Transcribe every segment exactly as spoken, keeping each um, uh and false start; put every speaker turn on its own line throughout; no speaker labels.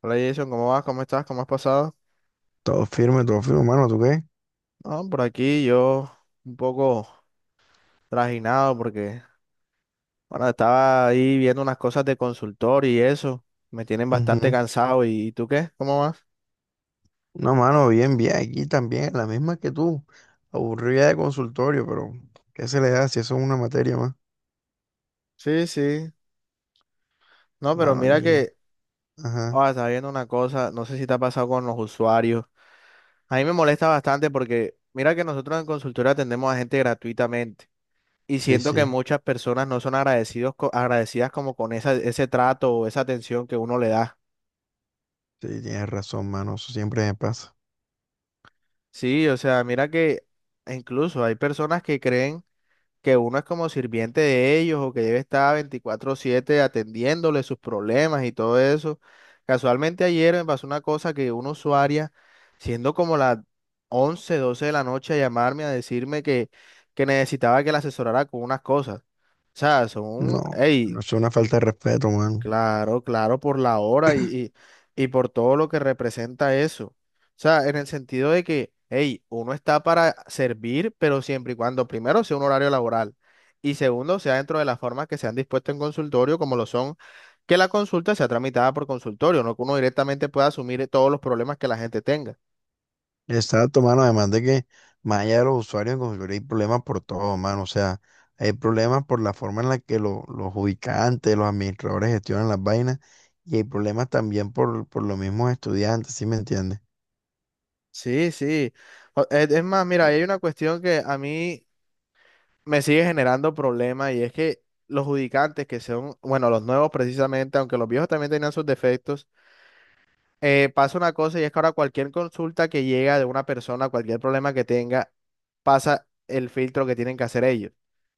Hola Jason, ¿cómo vas? ¿Cómo estás? ¿Cómo has pasado?
Todo firme, todo firme, mano, ¿tú qué?
No, por aquí yo un poco trajinado porque, bueno, estaba ahí viendo unas cosas de consultor y eso. Me tienen bastante
Ujú.
cansado. ¿Y, y tú qué? ¿Cómo vas?
No, mano, bien, bien, aquí también, la misma que tú. Aburrida de consultorio, pero ¿qué se le da si eso es una materia más?
Sí, sí. No, pero
Mano,
mira
y...
que,
Ajá,
ah, estaba viendo una cosa, no sé si te ha pasado con los usuarios. A mí me molesta bastante porque, mira que nosotros en consultoría atendemos a gente gratuitamente. Y
sí,
siento que
sí,
muchas personas no son agradecidos, co- agradecidas como con esa, ese trato o esa atención que uno le da.
sí, tienes razón, mano, eso siempre me pasa.
Sí, o sea, mira que incluso hay personas que creen que uno es como sirviente de ellos o que debe estar veinticuatro siete atendiéndole sus problemas y todo eso. Casualmente ayer me pasó una cosa que una usuaria, siendo como las once doce de la noche, a llamarme a decirme que, que necesitaba que la asesorara con unas cosas. O sea, son,
No,
hey.
no es una falta de respeto, mano.
Claro, claro, por la hora y, y, y por todo lo que representa eso. O sea, en el sentido de que, hey, uno está para servir, pero siempre y cuando, primero, sea un horario laboral y segundo, sea dentro de las formas que se han dispuesto en consultorio, como lo son, que la consulta sea tramitada por consultorio, no que uno directamente pueda asumir todos los problemas que la gente tenga.
Exacto, mano. Además de que más allá de los usuarios en Confluir hay problemas por todo, mano. O sea, hay problemas por la forma en la que lo- los ubicantes, los administradores gestionan las vainas y hay problemas también por, por los mismos estudiantes, ¿sí me entiendes?
Sí, sí. O- Es es más, mira, hay una cuestión que a mí me sigue generando problemas y es que los judicantes que son, bueno, los nuevos precisamente, aunque los viejos también tenían sus defectos, eh, pasa una cosa y es que ahora cualquier consulta que llega de una persona, cualquier problema que tenga, pasa el filtro que tienen que hacer ellos.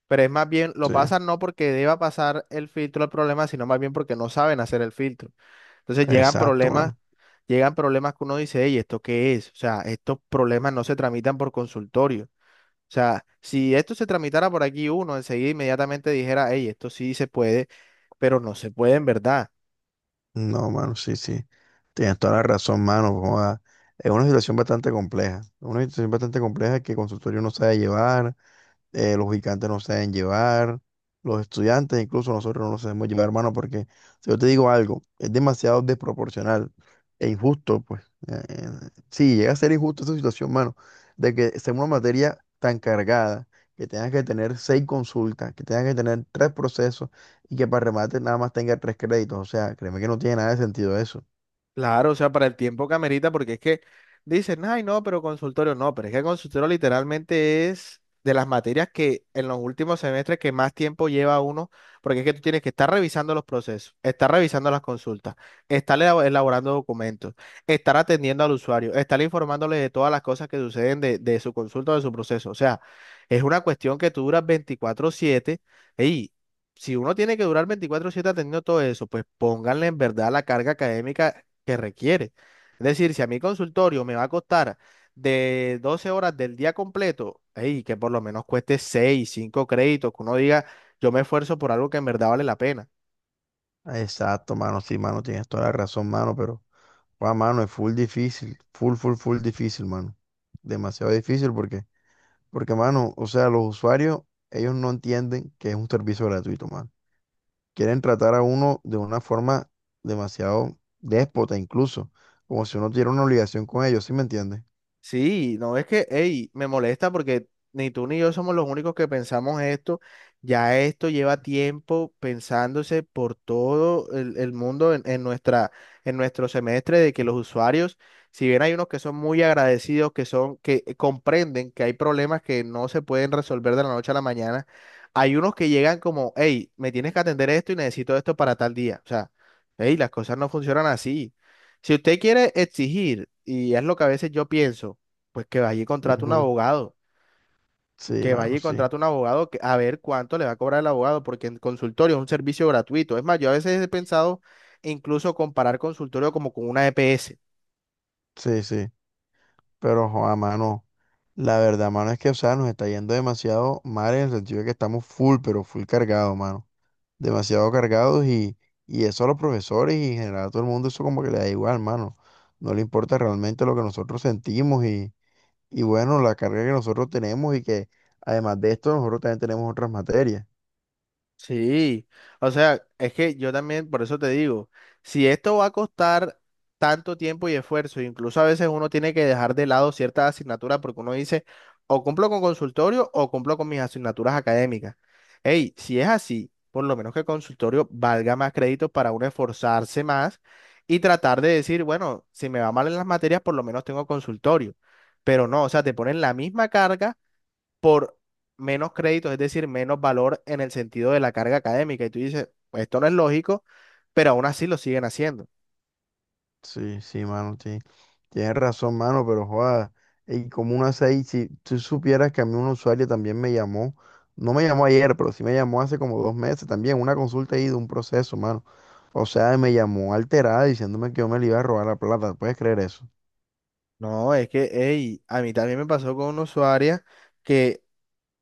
Pero es más bien, lo
Sí,
pasan no porque deba pasar el filtro el problema, sino más bien porque no saben hacer el filtro. Entonces llegan
exacto,
problemas,
mano.
llegan problemas que uno dice, hey, ¿esto qué es? O sea, estos problemas no se tramitan por consultorio. O sea, si esto se tramitara por aquí uno, enseguida inmediatamente dijera, hey, esto sí se puede, pero no se puede en verdad.
No, mano, sí, sí. Tienes toda la razón, mano. Joda. Es una situación bastante compleja. Una situación bastante compleja que el consultorio no sabe llevar. Eh, los gigantes no se deben llevar, los estudiantes, incluso nosotros no nos debemos llevar, hermano, porque si yo te digo algo, es demasiado desproporcional e injusto, pues eh, eh, sí, llega a ser injusto esa situación, mano, de que sea una materia tan cargada, que tengas que tener seis consultas, que tengas que tener tres procesos y que para remate nada más tenga tres créditos, o sea, créeme que no tiene nada de sentido eso.
Claro, o sea, para el tiempo que amerita, porque es que dicen, ay, no, pero consultorio no, pero es que el consultorio literalmente es de las materias que en los últimos semestres que más tiempo lleva uno, porque es que tú tienes que estar revisando los procesos, estar revisando las consultas, estar elabo- elaborando documentos, estar atendiendo al usuario, estar informándole de todas las cosas que suceden de, de su consulta o de su proceso. O sea, es una cuestión que tú duras veinticuatro siete y si uno tiene que durar veinticuatro siete atendiendo todo eso, pues pónganle en verdad la carga académica que requiere. Es decir, si a mi consultorio me va a costar de doce horas del día completo, ey, que por lo menos cueste seis, cinco créditos, que uno diga, yo me esfuerzo por algo que en verdad vale la pena.
Exacto, mano, sí, mano, tienes toda la razón, mano, pero... Guau, mano, es full difícil, full, full, full difícil, mano. Demasiado difícil porque, porque, mano, o sea, los usuarios, ellos no entienden que es un servicio gratuito, mano. Quieren tratar a uno de una forma demasiado déspota, incluso, como si uno tuviera una obligación con ellos, ¿sí me entiendes?
Sí, no es que, hey, me molesta porque ni tú ni yo somos los únicos que pensamos esto. Ya esto lleva tiempo pensándose por todo el, el mundo en, en nuestra, en nuestro semestre de que los usuarios, si bien hay unos que son muy agradecidos, que son, que comprenden que hay problemas que no se pueden resolver de la noche a la mañana, hay unos que llegan como, hey, me tienes que atender esto y necesito esto para tal día. O sea, hey, las cosas no funcionan así. Si usted quiere exigir, y es lo que a veces yo pienso, pues que vaya y contrate un
Ujú.
abogado,
Sí,
que vaya
mano,
y
sí,
contrate un abogado que- a ver cuánto le va a cobrar el abogado, porque en consultorio es un servicio gratuito. Es más, yo a veces he pensado incluso comparar consultorio como con una E P S.
sí, sí. Pero, joa, mano, la verdad, mano, es que, o sea, nos está yendo demasiado mal en el sentido de que estamos full, pero full cargado, mano. Demasiado cargados y, y eso a los profesores y en general a todo el mundo eso como que le da igual, mano. No le importa realmente lo que nosotros sentimos y, y bueno, la carga que nosotros tenemos y que además de esto nosotros también tenemos otras materias.
Sí, o sea, es que yo también, por eso te digo, si esto va a costar tanto tiempo y esfuerzo, incluso a veces uno tiene que dejar de lado ciertas asignaturas porque uno dice, o cumplo con consultorio o cumplo con mis asignaturas académicas. Hey, si es así, por lo menos que el consultorio valga más créditos para uno esforzarse más y tratar de decir, bueno, si me va mal en las materias, por lo menos tengo consultorio. Pero no, o sea, te ponen la misma carga por menos créditos, es decir, menos valor en el sentido de la carga académica. Y tú dices, "Pues esto no es lógico, pero aún así lo siguen haciendo."
Sí, sí, mano, sí. Tienes razón, mano, pero joda, y como una seis, si tú supieras que a mí un usuario también me llamó, no me llamó ayer, pero sí me llamó hace como dos meses también, una consulta ahí de un proceso, mano. O sea, me llamó alterada diciéndome que yo me le iba a robar la plata, ¿puedes creer eso?
No, es que, ey, a mí también me pasó con una usuaria que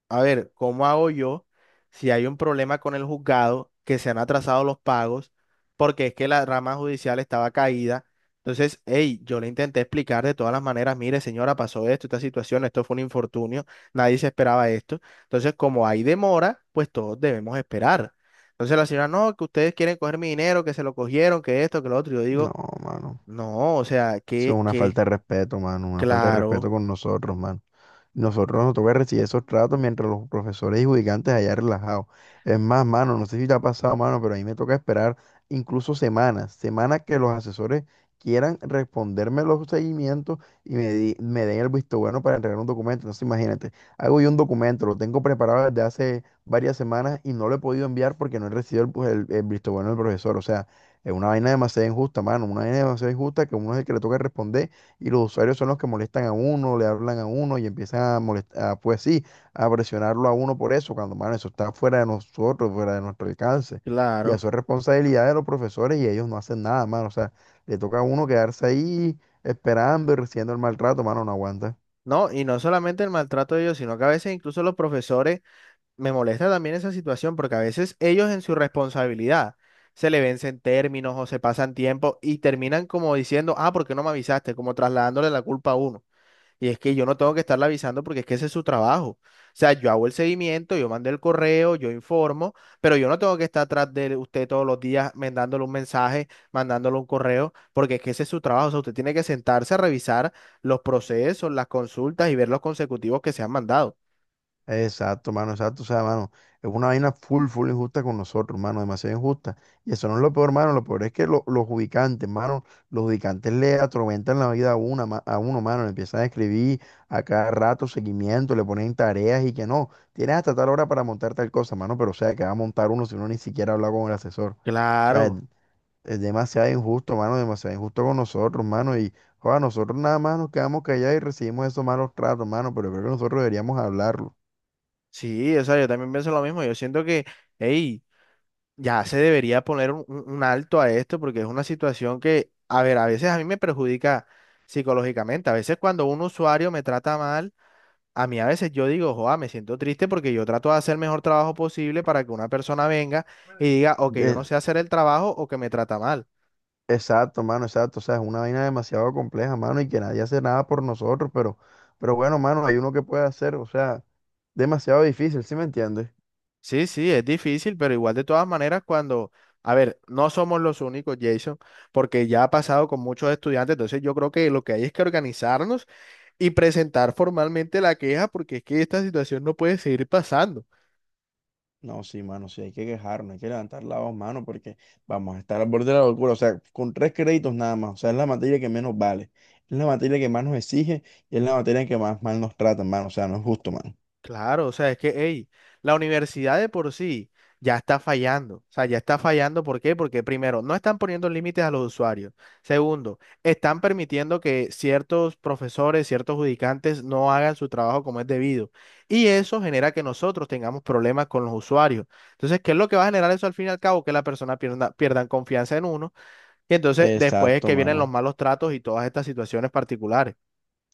A ver, ¿cómo hago yo si hay un problema con el juzgado que se han atrasado los pagos porque es que la rama judicial estaba caída? Entonces, hey, yo le intenté explicar de todas las maneras, mire, señora, pasó esto, esta situación, esto fue un infortunio, nadie se esperaba esto. Entonces, como hay demora, pues todos debemos esperar. Entonces la señora, no, que ustedes quieren coger mi dinero, que se lo cogieron, que esto, que lo otro. Yo
No,
digo,
mano.
no, o sea,
Eso
que,
es una
que,
falta de respeto, mano. Una falta de
claro,
respeto con nosotros, mano. Nosotros nos toca recibir esos tratos mientras los profesores y judicantes allá relajados. Es más, mano, no sé si te ha pasado, mano, pero a mí me toca esperar incluso semanas, semanas que los asesores quieran responderme los seguimientos y me, di- me den el visto bueno para entregar un documento. Entonces, imagínate, hago yo un documento, lo tengo preparado desde hace varias semanas y no lo he podido enviar porque no he recibido el, pues, el- el visto bueno del profesor. O sea, es una vaina demasiado injusta, mano, una vaina demasiado injusta que a uno es el que le toca responder y los usuarios son los que molestan a uno, le hablan a uno y empiezan a molestar, pues sí, a presionarlo a uno por eso, cuando, mano, eso está fuera de nosotros, fuera de nuestro alcance. Y
claro.
eso es responsabilidad de los profesores y ellos no hacen nada, mano. O sea, le toca a uno quedarse ahí esperando y recibiendo el maltrato, mano, no aguanta.
No, y no solamente el maltrato de ellos, sino que a veces incluso los profesores me molesta también esa situación porque a veces ellos en su responsabilidad se le vencen términos o se pasan tiempo y terminan como diciendo, ah, ¿por qué no me avisaste? Como trasladándole la culpa a uno. Y es que yo no tengo que estarle avisando porque es que ese es su trabajo. O sea, yo hago el seguimiento, yo mando el correo, yo informo, pero yo no tengo que estar atrás de usted todos los días mandándole un mensaje, mandándole un correo, porque es que ese es su trabajo. O sea, usted tiene que sentarse a revisar los procesos, las consultas y ver los consecutivos que se han mandado.
Exacto, mano, exacto. O sea, mano, es una vaina full, full injusta con nosotros, mano, demasiado injusta. Y eso no es lo peor, mano. Lo peor es que lo- los ubicantes, mano, los ubicantes le atormentan la vida a, una, ma- a uno, mano. Le empiezan a escribir a cada rato seguimiento, le ponen tareas y que no. Tienes hasta tal hora para montar tal cosa, mano, pero o sea, que va a montar uno si uno ni siquiera habla con el asesor. O sea, es,
Claro.
es demasiado injusto, mano, demasiado injusto con nosotros, mano. Y, joder, nosotros nada más nos quedamos callados y recibimos esos malos tratos, mano, pero creo que nosotros deberíamos hablarlo.
Sí, o sea, yo también pienso lo mismo. Yo siento que, hey, ya se debería poner un, un- un alto a esto porque es una situación que, a ver, a veces a mí me perjudica psicológicamente. A veces cuando un usuario me trata mal, a mí a veces yo digo, joa, me siento triste porque yo trato de hacer el mejor trabajo posible para que una persona venga y diga, o que yo no
Es-
sé hacer el trabajo o que me trata mal.
exacto, mano, exacto. O sea, es una vaina demasiado compleja, mano, y que nadie hace nada por nosotros, pero, pero bueno, mano, hay uno que puede hacer, o sea, demasiado difícil, ¿sí me entiendes?
Sí, sí, es difícil, pero igual de todas maneras cuando, a ver, no somos los únicos, Jason, porque ya ha pasado con muchos estudiantes. Entonces yo creo que lo que hay es que organizarnos y presentar formalmente la queja porque es que esta situación no puede seguir pasando.
No, sí, mano, sí, hay que quejarnos, hay que levantar la voz, mano, porque vamos a estar al borde de la locura. O sea, con tres créditos nada más. O sea, es la materia que menos vale, es la materia que más nos exige y es la materia en que más mal nos tratan, mano. O sea, no es justo, mano.
Claro, o sea, es que, hey, la universidad de por sí ya está fallando. O sea, ya está fallando. ¿Por qué? Porque primero, no están poniendo límites a los usuarios. Segundo, están permitiendo que ciertos profesores, ciertos judicantes no hagan su trabajo como es debido. Y eso genera que nosotros tengamos problemas con los usuarios. Entonces, ¿qué es lo que va a generar eso al fin y al cabo? Que la persona pierda, pierdan confianza en uno. Y entonces después es
Exacto,
que vienen los
mano.
malos tratos y todas estas situaciones particulares.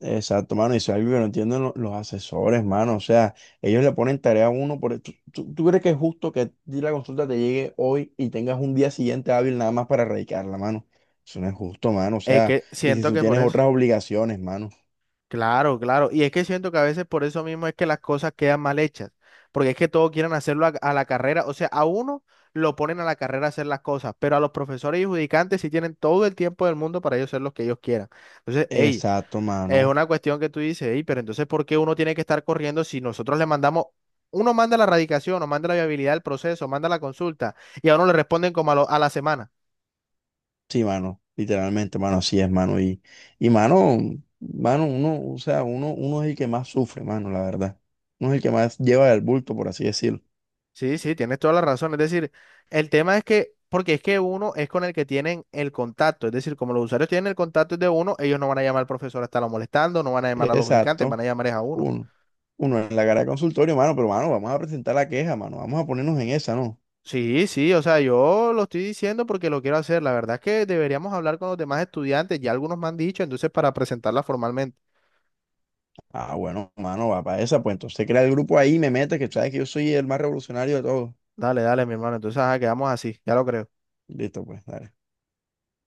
Exacto, mano, y eso es algo que no entienden lo- los asesores, mano. O sea, ellos le ponen tarea a uno por... ¿Tú, tú- tú crees que es justo que a ti la consulta te llegue hoy y tengas un día siguiente hábil nada más para erradicarla, mano? Eso no es justo, mano. O
Es
sea,
que
y si
siento
tú
que por
tienes
eso.
otras obligaciones, mano.
Claro, claro. Y es que siento que a veces por eso mismo es que las cosas quedan mal hechas. Porque es que todos quieren hacerlo a, a la carrera. O sea, a uno lo ponen a la carrera a hacer las cosas, pero a los profesores y judicantes sí tienen todo el tiempo del mundo para ellos hacer lo que ellos quieran. Entonces, hey,
Exacto,
es
mano.
una cuestión que tú dices, hey, pero entonces, ¿por qué uno tiene que estar corriendo si nosotros le mandamos, uno manda la radicación, o manda la viabilidad del proceso, manda la consulta, y a uno le responden como a lo- a la semana?
Sí, mano. Literalmente, mano, así es, mano. Y, y mano, mano, uno, o sea, uno, uno es el que más sufre, mano, la verdad. Uno es el que más lleva el bulto, por así decirlo.
Sí, sí, tienes toda la razón. Es decir, el tema es que, porque es que uno es con el que tienen el contacto. Es decir, como los usuarios tienen el contacto de uno, ellos no van a llamar al profesor a estarlo molestando, no van a llamar a los ubicantes, van
Exacto.
a llamar es a uno.
Uno. Uno en la cara de consultorio, mano, pero mano, vamos a presentar la queja, mano. Vamos a ponernos en esa, ¿no?
Sí, sí, o sea, yo lo estoy diciendo porque lo quiero hacer. La verdad es que deberíamos hablar con los demás estudiantes, ya algunos me han dicho, entonces para presentarla formalmente.
Ah, bueno, mano, va para esa, pues entonces crea el grupo ahí, y me mete, que sabes que yo soy el más revolucionario de todos.
Dale, dale, mi hermano. Entonces, ajá, quedamos así, ya lo creo.
Listo, pues, dale.